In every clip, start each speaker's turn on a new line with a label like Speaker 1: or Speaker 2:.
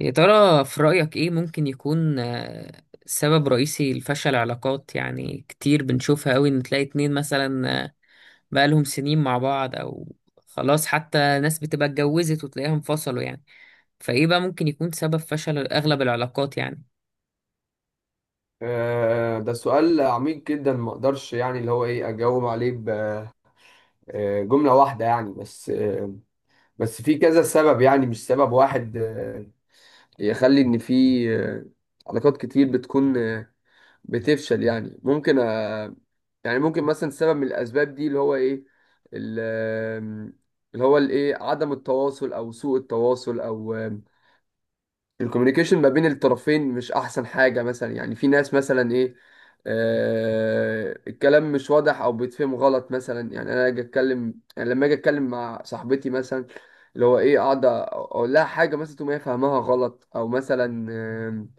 Speaker 1: يا ترى في رأيك إيه ممكن يكون سبب رئيسي لفشل علاقات يعني كتير بنشوفها قوي إن تلاقي اتنين مثلا بقالهم سنين مع بعض أو خلاص، حتى ناس بتبقى اتجوزت وتلاقيهم انفصلوا يعني. فإيه بقى ممكن يكون سبب فشل أغلب العلاقات يعني؟
Speaker 2: ده سؤال عميق جدا ما اقدرش يعني اللي هو ايه اجاوب عليه بجملة واحدة يعني بس في كذا سبب يعني مش سبب واحد، يخلي ان في آه، علاقات كتير بتكون بتفشل يعني ممكن، ممكن مثلا سبب من الاسباب دي اللي هو ايه ال- آه، اللي هو الايه عدم التواصل او سوء التواصل او الكوميونيكيشن ما بين الطرفين مش احسن حاجة. مثلا يعني في ناس مثلا ايه آه الكلام مش واضح او بيتفهم غلط. مثلا يعني انا اجي اتكلم يعني لما اجي اتكلم مع صاحبتي مثلا، اللي هو ايه قاعدة اقول لها حاجة مثلا تقوم هي فاهمها غلط، او مثلا آم،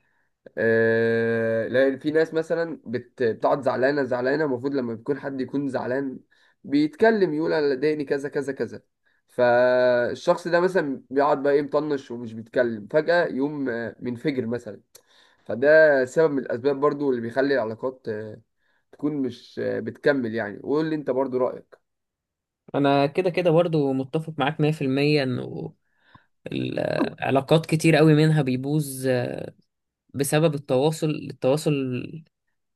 Speaker 2: آه، لا، في ناس مثلا بتقعد زعلانه زعلانه. المفروض لما بيكون حد يكون زعلان بيتكلم يقول انا ضايقني كذا كذا كذا، فالشخص ده مثلا بيقعد بقى ايه مطنش ومش بيتكلم، فجأة يقوم منفجر مثلا. فده سبب من الاسباب برضو اللي بيخلي العلاقات تكون مش بتكمل يعني. وقول لي انت برضو رأيك.
Speaker 1: أنا كده كده برضو متفق معاك 100%. إنه العلاقات كتير قوي منها بيبوظ بسبب التواصل.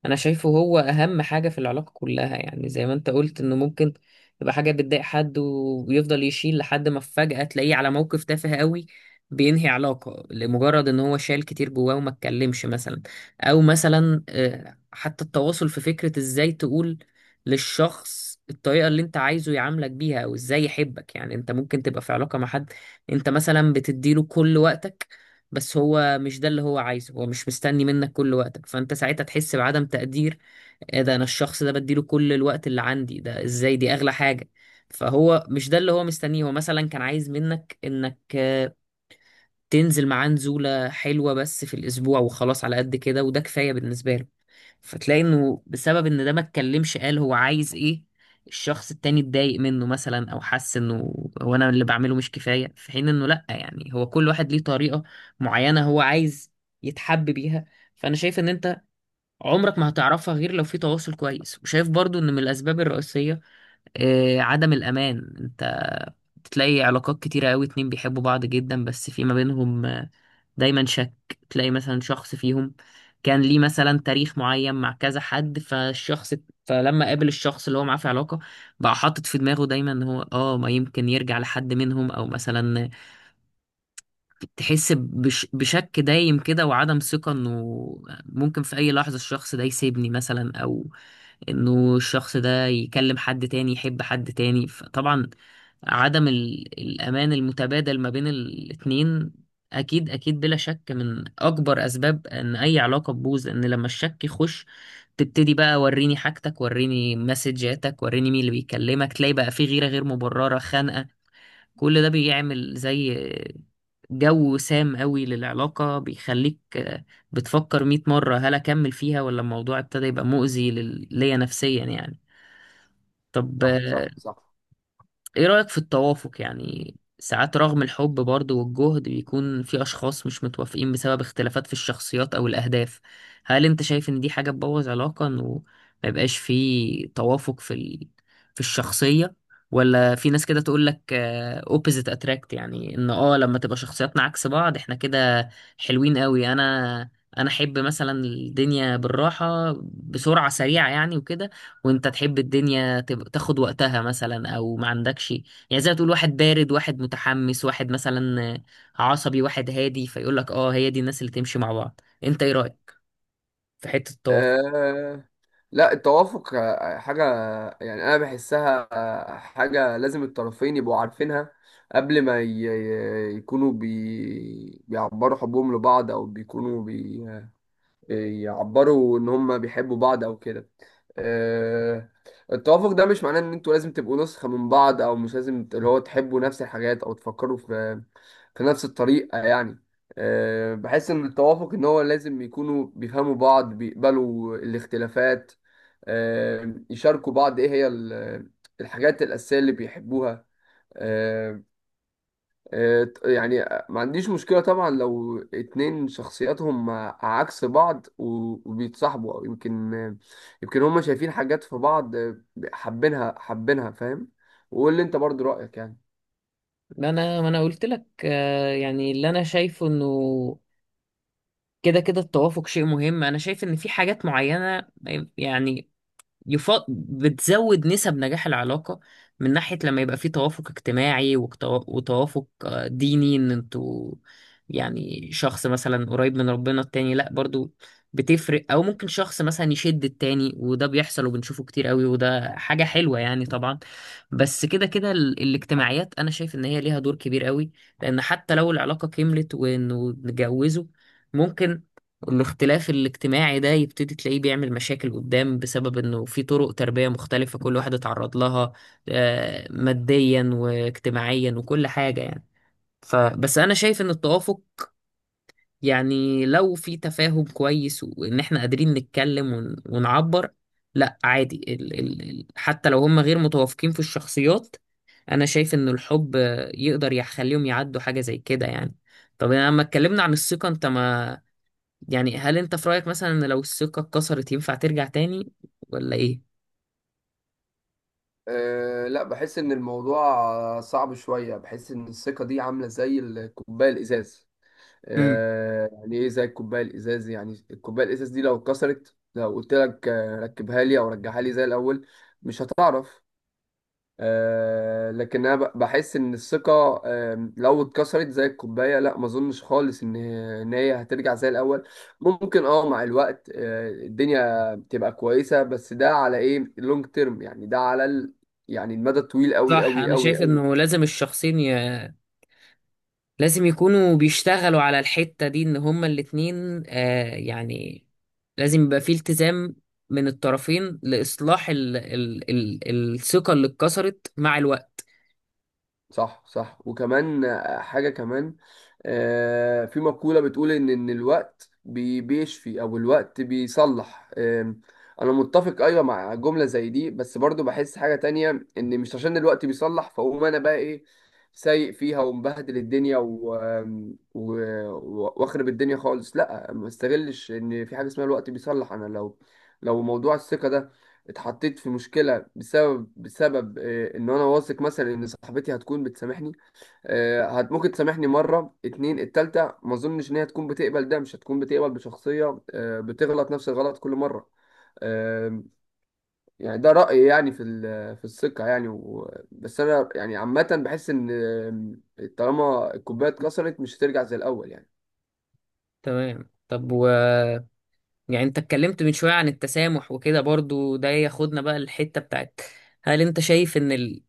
Speaker 1: انا شايفه هو اهم حاجة في العلاقة كلها، يعني زي ما انت قلت انه ممكن تبقى حاجة بتضايق حد ويفضل يشيل لحد ما فجأة تلاقيه على موقف تافه قوي بينهي علاقة لمجرد ان هو شال كتير جواه وما اتكلمش مثلا. او مثلا حتى التواصل في فكرة ازاي تقول للشخص الطريقة اللي انت عايزه يعاملك بيها، او ازاي يحبك. يعني انت ممكن تبقى في علاقة مع حد، انت مثلا بتديله كل وقتك، بس هو مش ده اللي هو عايزه، هو مش مستني منك كل وقتك، فانت ساعتها تحس بعدم تقدير. إيه ده، انا الشخص ده بديله كل الوقت اللي عندي، ده ازاي، دي اغلى حاجة. فهو مش ده اللي هو مستنيه، هو مثلا كان عايز منك انك تنزل معاه نزولة حلوة بس في الأسبوع وخلاص، على قد كده وده كفاية بالنسبة له. فتلاقي إنه بسبب إن ده ما اتكلمش قال هو عايز إيه، الشخص التاني اتضايق منه مثلا أو حس إنه هو أنا اللي بعمله مش كفاية، في حين إنه لأ، يعني هو كل واحد ليه طريقة معينة هو عايز يتحب بيها. فأنا شايف إن أنت عمرك ما هتعرفها غير لو في تواصل كويس. وشايف برضو إن من الأسباب الرئيسية عدم الأمان. أنت تلاقي علاقات كتيرة قوي اتنين بيحبوا بعض جدا بس في ما بينهم دايما شك. تلاقي مثلا شخص فيهم كان ليه مثلا تاريخ معين مع كذا حد، فالشخص فلما قابل الشخص اللي هو معاه في علاقة بقى حاطط في دماغه دايما ان هو اه ما يمكن يرجع لحد منهم، او مثلا تحس بشك دايم كده وعدم ثقة انه ممكن في اي لحظة الشخص ده يسيبني مثلا، او انه الشخص ده يكلم حد تاني يحب حد تاني. فطبعا عدم الامان المتبادل ما بين الاتنين اكيد اكيد بلا شك من اكبر اسباب ان اي علاقة تبوظ، لان لما الشك يخش تبتدي بقى وريني حاجتك، وريني مسجاتك، وريني مين اللي بيكلمك، تلاقي بقى في غيرة غير مبررة، خنقة. كل ده بيعمل زي جو سام قوي للعلاقة، بيخليك بتفكر مئة مرة هل أكمل فيها ولا الموضوع ابتدى يبقى مؤذي ليا نفسيا يعني. طب
Speaker 2: صح صح صح.
Speaker 1: ايه رأيك في التوافق؟ يعني ساعات رغم الحب برضه والجهد بيكون في اشخاص مش متوافقين بسبب اختلافات في الشخصيات او الاهداف. هل انت شايف ان دي حاجة تبوظ علاقة، انه ما يبقاش في توافق في ال... في الشخصية؟ ولا في ناس كده تقول لك opposite attract، يعني ان اه لما تبقى شخصياتنا عكس بعض احنا كده حلوين قوي. انا احب مثلا الدنيا بالراحة بسرعة سريعة يعني وكده، وانت تحب الدنيا تاخد وقتها مثلا او ما عندكش. يعني زي ما تقول واحد بارد واحد متحمس، واحد مثلا عصبي واحد هادي، فيقول لك اه هي دي الناس اللي تمشي مع بعض. انت ايه رأيك في حتة التوافق؟
Speaker 2: آه، لا، التوافق حاجة يعني أنا بحسها حاجة لازم الطرفين يبقوا عارفينها قبل ما يكونوا بيعبروا حبهم لبعض، أو بيكونوا يعبروا ان هم بيحبوا بعض او كده. آه، التوافق ده مش معناه ان انتوا لازم تبقوا نسخة من بعض، او مش لازم ت- اللي هو تحبوا نفس الحاجات او تفكروا في في نفس الطريقة يعني. بحس ان التوافق ان هو لازم يكونوا بيفهموا بعض، بيقبلوا الاختلافات، يشاركوا بعض ايه هي الحاجات الأساسية اللي بيحبوها. آه، آه، يعني ما عنديش مشكلة طبعا لو اتنين شخصياتهم عكس بعض وبيتصاحبوا، أو يمكن هما شايفين حاجات في بعض حابينها حابينها. فاهم؟ وقول لي انت برضو رأيك يعني.
Speaker 1: ما انا قلت لك يعني اللي انا شايفه انه كده كده التوافق شيء مهم. انا شايف ان في حاجات معينة يعني بتزود نسب نجاح العلاقة من ناحية لما يبقى في توافق اجتماعي، وتوافق ديني، ان انتوا يعني شخص مثلا قريب من ربنا التاني لا، برضو بتفرق. او ممكن شخص مثلا يشد التاني، وده بيحصل وبنشوفه كتير قوي وده حاجة حلوة يعني طبعا. بس كده كده ال... الاجتماعيات انا شايف ان هي ليها دور كبير قوي، لان حتى لو العلاقة كملت وانه نتجوزوا ممكن الاختلاف الاجتماعي ده يبتدي تلاقيه بيعمل مشاكل قدام بسبب انه في طرق تربية مختلفة كل واحد اتعرض لها، ماديا واجتماعيا وكل حاجة يعني. فبس انا شايف ان التوافق يعني لو في تفاهم كويس وان احنا قادرين نتكلم ونعبر، لا عادي ال حتى لو هم غير متوافقين في الشخصيات انا شايف ان الحب يقدر يخليهم يعدوا حاجة زي كده يعني. طب لما اتكلمنا عن الثقة، انت ما يعني هل انت في رأيك مثلا ان لو الثقة اتكسرت ينفع ترجع تاني ولا ايه؟
Speaker 2: أه لا، بحس ان الموضوع صعب شوية. بحس ان الثقة دي عاملة زي الكوباية الازاز،
Speaker 1: امم.
Speaker 2: يعني ايه زي الكوباية الإزاز، يعني الكوباية الإزاز دي لو اتكسرت، لو قلت لك ركبها لي أو رجعها لي زي الأول، مش هتعرف. آه لكن انا بحس ان الثقه آه لو اتكسرت زي الكوبايه، لا ما اظنش خالص ان هي هترجع زي الاول. ممكن اه مع الوقت آه الدنيا تبقى كويسه، بس ده على ايه، لونج تيرم يعني، ده على ال يعني المدى الطويل قوي
Speaker 1: صح،
Speaker 2: قوي
Speaker 1: انا
Speaker 2: قوي.
Speaker 1: شايف انه لازم الشخصين ي... لازم يكونوا بيشتغلوا على الحتة دي ان هما الاتنين، يعني لازم يبقى في التزام من الطرفين لإصلاح ال... ال... ال... الثقة اللي اتكسرت مع الوقت.
Speaker 2: صح صح. وكمان حاجة كمان، في مقولة بتقول إن الوقت بيشفي أو الوقت بيصلح. أنا متفق أيوة مع جملة زي دي، بس برضو بحس حاجة تانية، إن مش عشان الوقت بيصلح فأقوم أنا بقى إيه سايق فيها ومبهدل الدنيا و... آم، و... و- وأخرب الدنيا خالص. لأ، ما استغلش إن في حاجة اسمها الوقت بيصلح. أنا لو لو موضوع الثقة ده اتحطيت في مشكلة بسبب ان انا واثق مثلا ان صاحبتي هتكون بتسامحني، آه، هت ممكن تسامحني مرة اتنين. التالتة ما اظنش ان هي تكون بتقبل ده، مش هتكون بتقبل بشخصية بتغلط نفس الغلط كل مرة. آه، يعني ده رأيي يعني في في الثقة يعني. بس انا يعني عامة بحس ان طالما الكوباية اتكسرت مش هترجع زي الاول يعني.
Speaker 1: تمام. طب و يعني انت اتكلمت من شوية عن التسامح وكده، برضو ده ياخدنا بقى الحتة بتاعت هل انت شايف ان ال...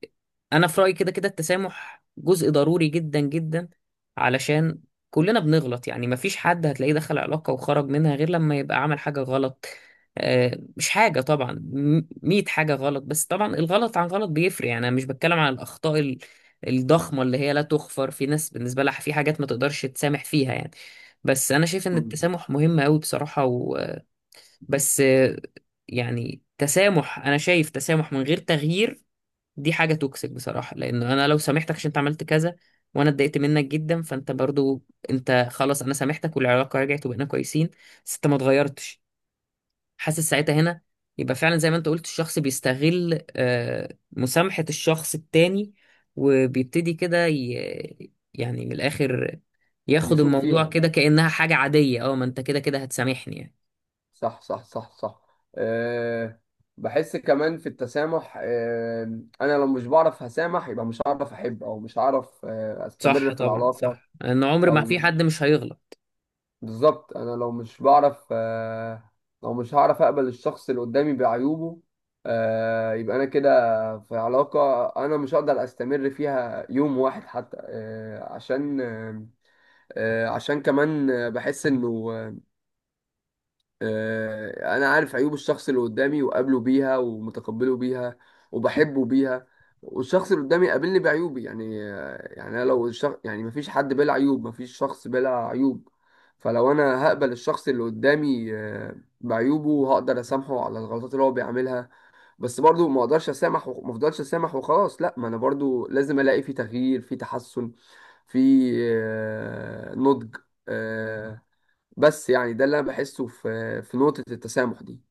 Speaker 1: انا في رأيي كده كده التسامح جزء ضروري جدا جدا، علشان كلنا بنغلط يعني. مفيش حد هتلاقيه دخل علاقة وخرج منها غير لما يبقى عمل حاجة غلط، مش حاجة طبعا، مية حاجة غلط. بس طبعا الغلط عن غلط بيفرق، يعني أنا مش بتكلم عن الأخطاء الضخمة اللي هي لا تغفر، في ناس بالنسبة لها في حاجات ما تقدرش تسامح فيها يعني. بس أنا شايف إن
Speaker 2: مم.
Speaker 1: التسامح مهم أوي بصراحة. بس يعني تسامح، انا شايف تسامح من غير تغيير دي حاجة توكسيك بصراحة، لانه انا لو سامحتك عشان انت عملت كذا وانا اتضايقت منك جدا، فانت برضو، انت خلاص انا سامحتك والعلاقة رجعت وبقينا كويسين بس انت ما اتغيرتش، حاسس ساعتها هنا يبقى فعلا زي ما انت قلت الشخص بيستغل مسامحة الشخص التاني، وبيبتدي كده يعني من الاخر، ياخد
Speaker 2: يسوق
Speaker 1: الموضوع
Speaker 2: فيها.
Speaker 1: كده كأنها حاجة عادية، اه ما انت كده كده هتسامحني يعني.
Speaker 2: صح صح صح صح. أه بحس كمان في التسامح، أه انا لو مش بعرف هسامح يبقى مش هعرف احب، او مش هعرف أه
Speaker 1: صح
Speaker 2: استمر في
Speaker 1: طبعا،
Speaker 2: العلاقة.
Speaker 1: صح، ان عمر ما
Speaker 2: او
Speaker 1: في حد
Speaker 2: مش
Speaker 1: مش هيغلط.
Speaker 2: بالظبط، انا لو مش بعرف أه لو مش هعرف اقبل الشخص اللي قدامي بعيوبه، أه يبقى انا كده في علاقة انا مش هقدر استمر فيها يوم واحد حتى. أه عشان أه عشان كمان بحس انه انا عارف عيوب الشخص اللي قدامي وقابله بيها ومتقبله بيها وبحبه بيها، والشخص اللي قدامي قابلني بعيوبي يعني. أنا لو الشخص يعني، مفيش حد بلا عيوب، مفيش شخص بلا عيوب، فلو انا هقبل الشخص اللي قدامي بعيوبه هقدر اسامحه على الغلطات اللي هو بيعملها. بس برضو ما اقدرش اسامح وما افضلش اسامح وخلاص، لا، ما انا برضو لازم الاقي في تغيير، في تحسن، في نضج. آه، بس يعني ده اللي انا بحسه في في نقطة التسامح دي.